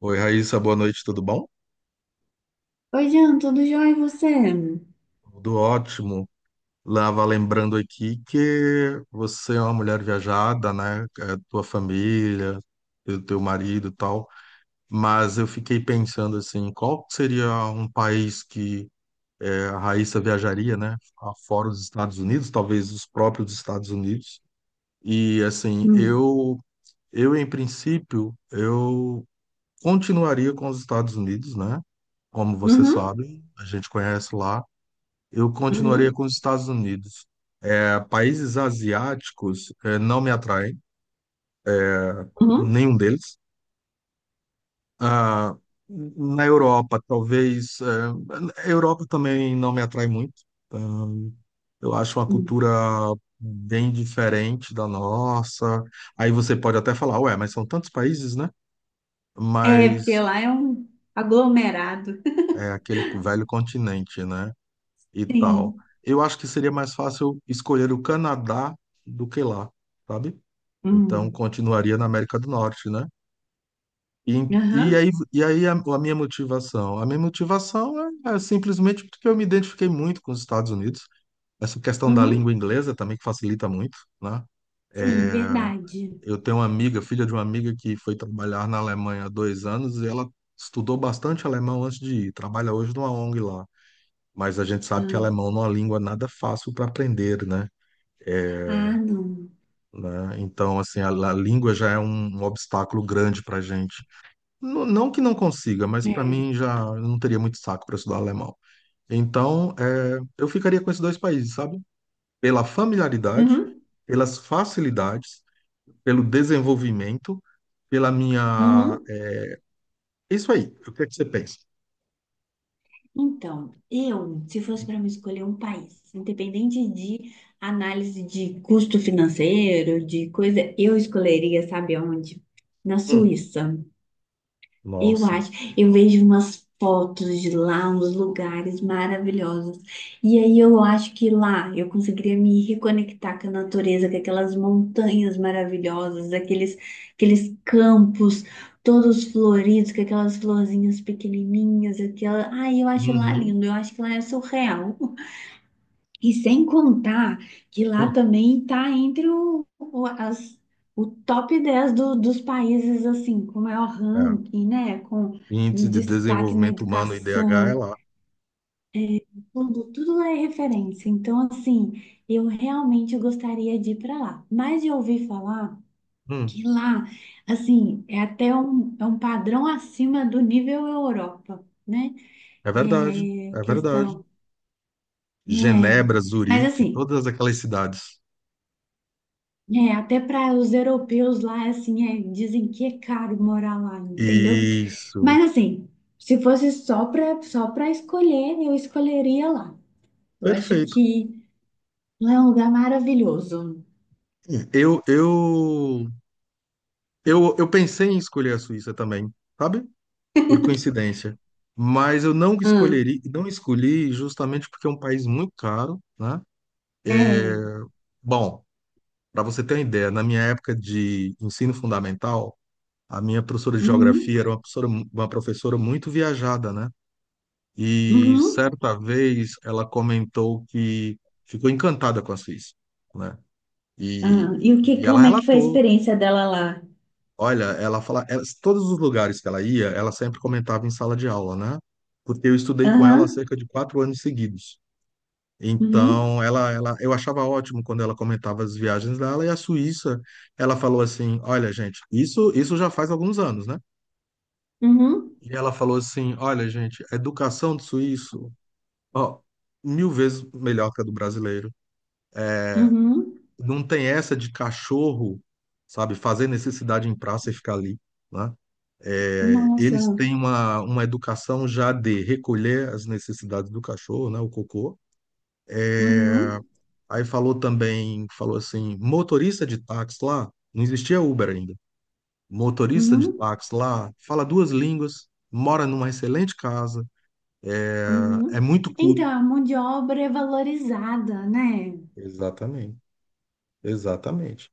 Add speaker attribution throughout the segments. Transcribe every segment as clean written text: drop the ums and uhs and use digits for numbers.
Speaker 1: Oi, Raíssa, boa noite, tudo bom?
Speaker 2: Oi, Jean, tudo jóia e você?
Speaker 1: Tudo ótimo. Lava lembrando aqui que você é uma mulher viajada, né? É, tua família, teu marido e tal. Mas eu fiquei pensando assim, qual seria um país que a Raíssa viajaria, né? Fora os Estados Unidos, talvez os próprios Estados Unidos. E assim,
Speaker 2: Hum.
Speaker 1: eu em princípio, eu continuaria com os Estados Unidos, né? Como você
Speaker 2: Uhum,
Speaker 1: sabe, a gente conhece lá. Eu continuaria
Speaker 2: uhum,
Speaker 1: com os Estados Unidos. É, países asiáticos, não me atraem,
Speaker 2: uhum,
Speaker 1: nenhum deles. Ah, na Europa, talvez. A Europa também não me atrai muito. Ah, eu acho uma
Speaker 2: uhum.
Speaker 1: cultura bem diferente da nossa. Aí você pode até falar, ué, mas são tantos países, né?
Speaker 2: É, porque
Speaker 1: Mas
Speaker 2: lá é um aglomerado.
Speaker 1: é aquele velho continente, né? E tal.
Speaker 2: Sim.
Speaker 1: Eu acho que seria mais fácil escolher o Canadá do que lá, sabe? Então,
Speaker 2: Hum.
Speaker 1: continuaria na América do Norte, né? E, e
Speaker 2: Aham,
Speaker 1: aí, e aí a minha motivação? A minha motivação é, é simplesmente porque eu me identifiquei muito com os Estados Unidos. Essa questão da língua
Speaker 2: uhum.
Speaker 1: inglesa também que facilita muito, né?
Speaker 2: Sim, verdade.
Speaker 1: Eu tenho uma amiga, filha de uma amiga que foi trabalhar na Alemanha há dois anos e ela estudou bastante alemão antes de ir. Trabalha hoje numa ONG lá. Mas a gente sabe que
Speaker 2: Hum.
Speaker 1: alemão não é uma língua nada fácil para aprender, né? É,
Speaker 2: Ah, não.
Speaker 1: né? Então, assim, a língua já é um, um obstáculo grande para gente. Não, não que não consiga, mas para
Speaker 2: É.
Speaker 1: mim já eu não teria muito saco para estudar alemão. Então, eu ficaria com esses dois países, sabe? Pela familiaridade,
Speaker 2: Uhum.
Speaker 1: pelas facilidades, pelo desenvolvimento, pela minha.
Speaker 2: Uhum.
Speaker 1: É isso aí, o que é que você pensa?
Speaker 2: Então, eu, se fosse para me escolher um país, independente de análise de custo financeiro, de coisa, eu escolheria, sabe aonde? Na
Speaker 1: Hum,
Speaker 2: Suíça. Eu
Speaker 1: nossa.
Speaker 2: acho, eu vejo umas fotos de lá, uns lugares maravilhosos. E aí eu acho que lá eu conseguiria me reconectar com a natureza, com aquelas montanhas maravilhosas, aqueles campos todos floridos, com aquelas florzinhas pequenininhas, aquela Ai, eu acho lá
Speaker 1: Uhum,
Speaker 2: lindo, eu acho que lá é surreal. E sem contar que lá
Speaker 1: hum,
Speaker 2: também está entre o top 10 dos países assim com maior
Speaker 1: é.
Speaker 2: ranking, né? Com
Speaker 1: Índice de
Speaker 2: destaque na
Speaker 1: Desenvolvimento Humano, IDH, é
Speaker 2: educação,
Speaker 1: lá.
Speaker 2: tudo, tudo lá é referência. Então, assim, eu realmente gostaria de ir para lá. Mas eu ouvi falar
Speaker 1: Hum,
Speaker 2: que lá, assim, é um padrão acima do nível Europa, né?
Speaker 1: é verdade,
Speaker 2: É,
Speaker 1: é verdade.
Speaker 2: questão. É,
Speaker 1: Genebra,
Speaker 2: mas
Speaker 1: Zurique,
Speaker 2: assim,
Speaker 1: todas aquelas cidades.
Speaker 2: é, até para os europeus lá, assim, é, dizem que é caro morar lá, entendeu?
Speaker 1: Isso,
Speaker 2: Mas assim, se fosse só para escolher, eu escolheria lá. Eu acho
Speaker 1: perfeito.
Speaker 2: que lá é um lugar maravilhoso.
Speaker 1: Eu, eu, eu pensei em escolher a Suíça também, sabe? Por coincidência. Mas eu não
Speaker 2: Hum.
Speaker 1: escolheria, não escolhi justamente porque é um país muito caro, né?
Speaker 2: É.
Speaker 1: Bom, para você ter uma ideia, na minha época de ensino fundamental, a minha professora de
Speaker 2: Uhum,
Speaker 1: geografia era uma professora muito viajada, né? E
Speaker 2: uhum.
Speaker 1: certa vez ela comentou que ficou encantada com a Suíça, né?
Speaker 2: Ah, e o que,
Speaker 1: E ela
Speaker 2: como é que foi a
Speaker 1: relatou,
Speaker 2: experiência dela lá?
Speaker 1: olha, ela fala, todos os lugares que ela ia, ela sempre comentava em sala de aula, né? Porque eu estudei com
Speaker 2: Aham,
Speaker 1: ela há cerca de quatro anos seguidos.
Speaker 2: uhum,
Speaker 1: Então, eu achava ótimo quando ela comentava as viagens dela e a Suíça, ela falou assim, olha, gente, isso já faz alguns anos, né?
Speaker 2: uhum,
Speaker 1: E ela falou assim, olha, gente, a educação do suíço ó, mil vezes melhor que a do brasileiro.
Speaker 2: uhum.
Speaker 1: Não tem essa de cachorro, sabe, fazer necessidade em praça e ficar ali, né? É,
Speaker 2: Nossa.
Speaker 1: eles têm uma educação já de recolher as necessidades do cachorro, né, o cocô.
Speaker 2: Uhum,
Speaker 1: Aí falou também, falou assim, motorista de táxi lá, não existia Uber ainda. Motorista de
Speaker 2: uhum,
Speaker 1: táxi lá, fala duas línguas, mora numa excelente casa, é
Speaker 2: uhum.
Speaker 1: é muito
Speaker 2: Então,
Speaker 1: culto.
Speaker 2: a mão de obra é valorizada, né?
Speaker 1: Exatamente, exatamente.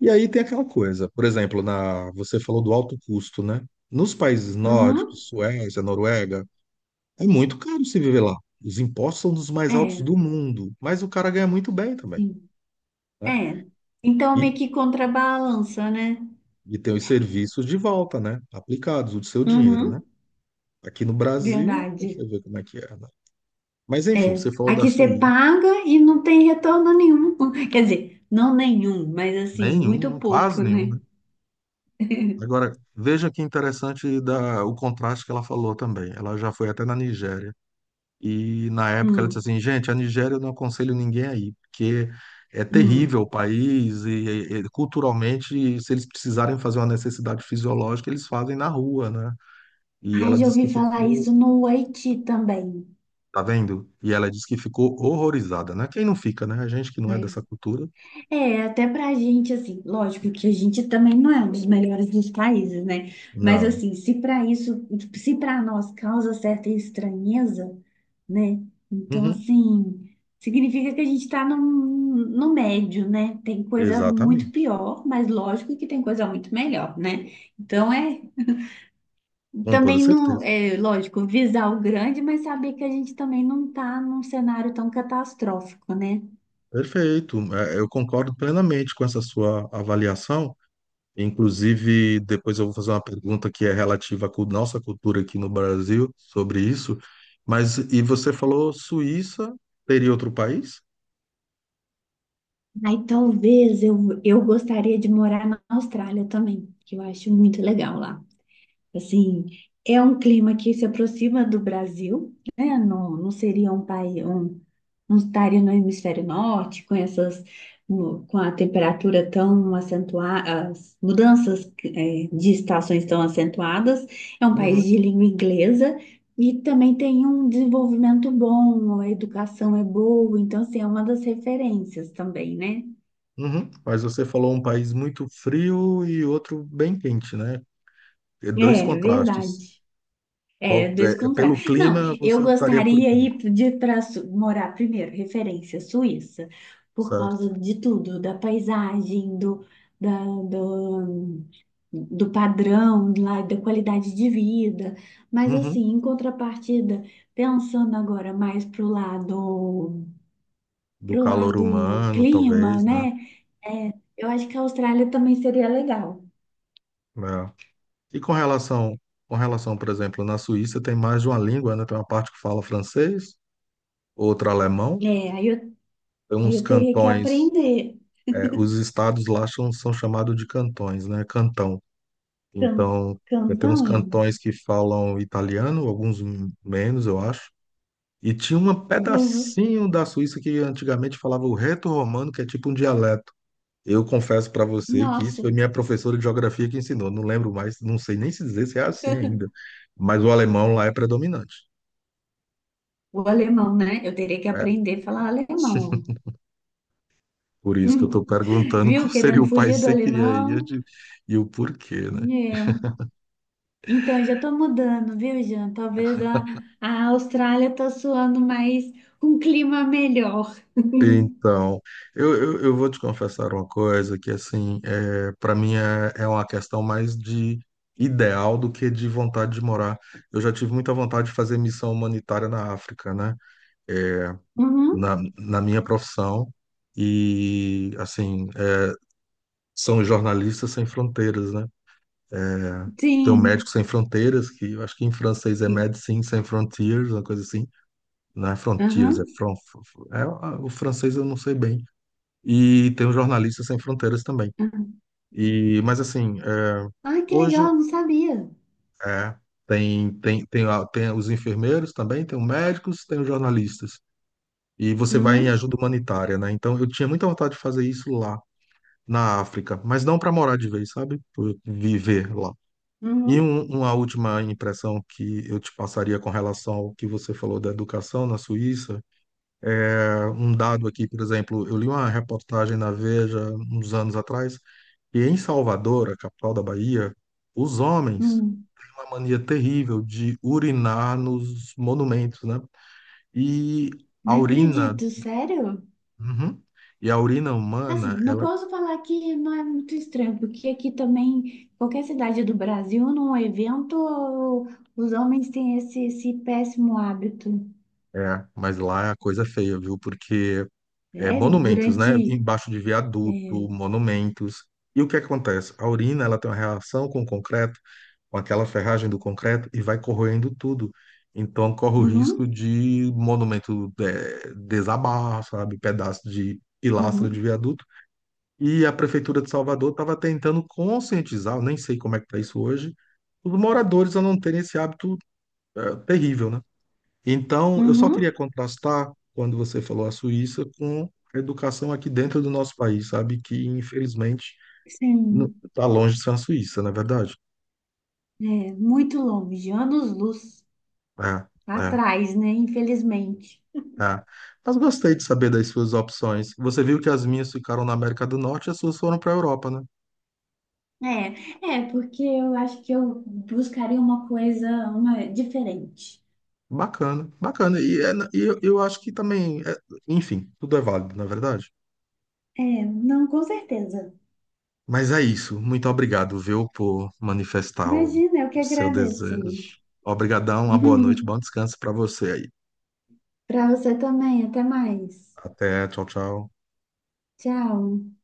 Speaker 1: E aí tem aquela coisa, por exemplo, você falou do alto custo, né? Nos países
Speaker 2: Uhum.
Speaker 1: nórdicos, Suécia, Noruega, é muito caro se viver lá. Os impostos são dos mais altos
Speaker 2: É,
Speaker 1: do mundo, mas o cara ganha muito bem também,
Speaker 2: sim.
Speaker 1: né?
Speaker 2: É. Então
Speaker 1: E,
Speaker 2: meio que contrabalança, né?
Speaker 1: e tem os serviços de volta, né? Aplicados, o do seu dinheiro, né?
Speaker 2: Uhum,
Speaker 1: Aqui no Brasil,
Speaker 2: verdade.
Speaker 1: você vê como é que é, né? Mas enfim,
Speaker 2: É.
Speaker 1: você falou da
Speaker 2: Aqui você
Speaker 1: Suíça,
Speaker 2: paga e não tem retorno nenhum. Quer dizer, não nenhum, mas assim, muito
Speaker 1: nenhum, quase
Speaker 2: pouco,
Speaker 1: nenhum,
Speaker 2: né?
Speaker 1: né? Agora, veja que interessante o contraste que ela falou também. Ela já foi até na Nigéria. E na época ela disse
Speaker 2: Hum,
Speaker 1: assim, gente, a Nigéria eu não aconselho ninguém aí, porque é
Speaker 2: hum.
Speaker 1: terrível o país e culturalmente, se eles precisarem fazer uma necessidade fisiológica, eles fazem na rua, né? E
Speaker 2: Ai,
Speaker 1: ela
Speaker 2: já
Speaker 1: disse que
Speaker 2: ouvi falar
Speaker 1: ficou,
Speaker 2: isso no Haiti também.
Speaker 1: tá vendo? E ela disse que ficou horrorizada, né? Quem não fica, né? A gente que não é dessa
Speaker 2: É.
Speaker 1: cultura.
Speaker 2: É, até pra gente, assim, lógico que a gente também não é um dos melhores dos países, né? Mas,
Speaker 1: Não.
Speaker 2: assim, se para isso, se para nós causa certa estranheza, né? Então,
Speaker 1: Uhum,
Speaker 2: assim, significa que a gente tá num, no médio, né? Tem coisa muito
Speaker 1: exatamente.
Speaker 2: pior, mas lógico que tem coisa muito melhor, né? Então, é
Speaker 1: Com toda
Speaker 2: também não,
Speaker 1: certeza.
Speaker 2: é lógico, visar o grande, mas saber que a gente também não tá num cenário tão catastrófico, né?
Speaker 1: Perfeito. É, eu concordo plenamente com essa sua avaliação. Inclusive, depois eu vou fazer uma pergunta que é relativa à nossa cultura aqui no Brasil sobre isso. Mas, e você falou Suíça, teria outro país?
Speaker 2: Aí talvez eu gostaria de morar na Austrália também, que eu acho muito legal lá. Assim, é um clima que se aproxima do Brasil, né? Não, não seria um país, um, não estaria no hemisfério norte, com essas, com a temperatura tão acentuada, as mudanças, de estações tão acentuadas. É um país
Speaker 1: Uhum,
Speaker 2: de língua inglesa. E também tem um desenvolvimento bom, a educação é boa, então, assim, é uma das referências também, né?
Speaker 1: uhum. Mas você falou um país muito frio e outro bem quente, né? E dois
Speaker 2: É,
Speaker 1: contrastes.
Speaker 2: verdade. É, dois
Speaker 1: Pelo
Speaker 2: contrários. Não,
Speaker 1: clima, você
Speaker 2: eu
Speaker 1: optaria por
Speaker 2: gostaria
Speaker 1: qual,
Speaker 2: ir de para morar primeiro, referência Suíça, por
Speaker 1: certo?
Speaker 2: causa de tudo, da paisagem, do, da, do, do padrão lá, da qualidade de vida. Mas
Speaker 1: Uhum.
Speaker 2: assim, em contrapartida, pensando agora mais
Speaker 1: Do
Speaker 2: pro
Speaker 1: calor
Speaker 2: lado
Speaker 1: humano,
Speaker 2: clima,
Speaker 1: talvez, né?
Speaker 2: né? É, eu acho que a Austrália também seria legal.
Speaker 1: É. E com relação, com relação, por exemplo, na Suíça tem mais de uma língua, né? Tem uma parte que fala francês, outra alemão.
Speaker 2: É, aí eu, aí
Speaker 1: Uns
Speaker 2: eu teria que
Speaker 1: cantões,
Speaker 2: aprender.
Speaker 1: é, os estados lá são, são chamados de cantões, né? Cantão.
Speaker 2: Can,
Speaker 1: Então, tem uns
Speaker 2: Cantanhede.
Speaker 1: cantões que falam italiano, alguns menos, eu acho. E tinha um
Speaker 2: Uhum.
Speaker 1: pedacinho da Suíça que antigamente falava o reto-romano, que é tipo um dialeto. Eu confesso para você que isso
Speaker 2: Nossa,
Speaker 1: foi minha professora de geografia que ensinou. Não lembro mais, não sei nem se dizer se é assim ainda. Mas o alemão lá é predominante.
Speaker 2: o alemão, né? Eu teria que
Speaker 1: É.
Speaker 2: aprender a falar alemão.
Speaker 1: Por isso
Speaker 2: Hum.
Speaker 1: que eu estou perguntando qual
Speaker 2: Viu?
Speaker 1: seria
Speaker 2: Querendo
Speaker 1: o país
Speaker 2: fugir
Speaker 1: que
Speaker 2: do
Speaker 1: você queria
Speaker 2: alemão.
Speaker 1: ir e o porquê, né?
Speaker 2: É. Então, eu já tô mudando, viu, Jean? Talvez a Austrália tá soando mais um clima melhor.
Speaker 1: Então, eu vou te confessar uma coisa que, assim, é, para mim é uma questão mais de ideal do que de vontade de morar. Eu já tive muita vontade de fazer missão humanitária na África, né? É,
Speaker 2: Uhum.
Speaker 1: na minha profissão. E, assim, é, são jornalistas sem fronteiras, né? Tem o
Speaker 2: Sim.
Speaker 1: Médicos Sem Fronteiras, que eu acho que em francês é
Speaker 2: E-
Speaker 1: Médecins Sans Frontières, uma coisa assim. Não é Frontiers,
Speaker 2: Aham.
Speaker 1: é o francês eu não sei bem. E tem o Jornalistas Sem Fronteiras também.
Speaker 2: Aham.
Speaker 1: E, mas assim, é,
Speaker 2: Ai, que
Speaker 1: hoje
Speaker 2: legal, não sabia.
Speaker 1: é, tem os enfermeiros também, tem os médicos, tem os jornalistas. E você vai em
Speaker 2: Uhum.
Speaker 1: ajuda humanitária, né? Então eu tinha muita vontade de fazer isso lá na África, mas não para morar de vez, sabe? Por viver lá.
Speaker 2: Uhum.
Speaker 1: Uma última impressão que eu te passaria com relação ao que você falou da educação na Suíça. É, um dado aqui, por exemplo, eu li uma reportagem na Veja uns anos atrás. E em Salvador, a capital da Bahia, os homens
Speaker 2: Uhum.
Speaker 1: têm uma mania terrível de urinar nos monumentos, né? E a
Speaker 2: Não
Speaker 1: urina,
Speaker 2: acredito, sério?
Speaker 1: Uhum. E a urina humana,
Speaker 2: Assim, não posso falar que não é muito estranho, porque aqui também, qualquer cidade do Brasil, num evento, os homens têm esse péssimo hábito.
Speaker 1: mas lá é a coisa feia, viu? Porque é
Speaker 2: Sério?
Speaker 1: monumentos, né?
Speaker 2: Durante.
Speaker 1: Embaixo de
Speaker 2: É,
Speaker 1: viaduto, monumentos. E o que acontece? A urina, ela tem uma reação com o concreto, com aquela ferragem do concreto e vai corroendo tudo. Então corre o risco
Speaker 2: uhum,
Speaker 1: de monumento desabar, sabe, pedaço de pilastra de
Speaker 2: uhum,
Speaker 1: viaduto. E a prefeitura de Salvador estava tentando conscientizar, eu nem sei como é que está isso hoje, os moradores a não terem esse hábito terrível, né? Então, eu só queria
Speaker 2: uhum,
Speaker 1: contrastar quando você falou a Suíça com a educação aqui dentro do nosso país, sabe? Que infelizmente
Speaker 2: sim,
Speaker 1: está longe de ser a Suíça, não é verdade?
Speaker 2: é, muito longe, anos-luz
Speaker 1: É, é.
Speaker 2: atrás, né? Infelizmente.
Speaker 1: Tá. Mas gostei de saber das suas opções. Você viu que as minhas ficaram na América do Norte e as suas foram para a Europa, né?
Speaker 2: É, é, porque eu acho que eu buscaria uma coisa diferente.
Speaker 1: Bacana, bacana. E eu acho que também, é- enfim, tudo é válido, na verdade.
Speaker 2: É, não, com certeza.
Speaker 1: Mas é isso. Muito obrigado, viu, por manifestar o
Speaker 2: Imagina, eu que
Speaker 1: seu
Speaker 2: agradeço.
Speaker 1: desejo. Obrigadão, uma boa noite, bom descanso para você aí.
Speaker 2: Para você também. Até mais.
Speaker 1: Até, tchau, tchau.
Speaker 2: Tchau.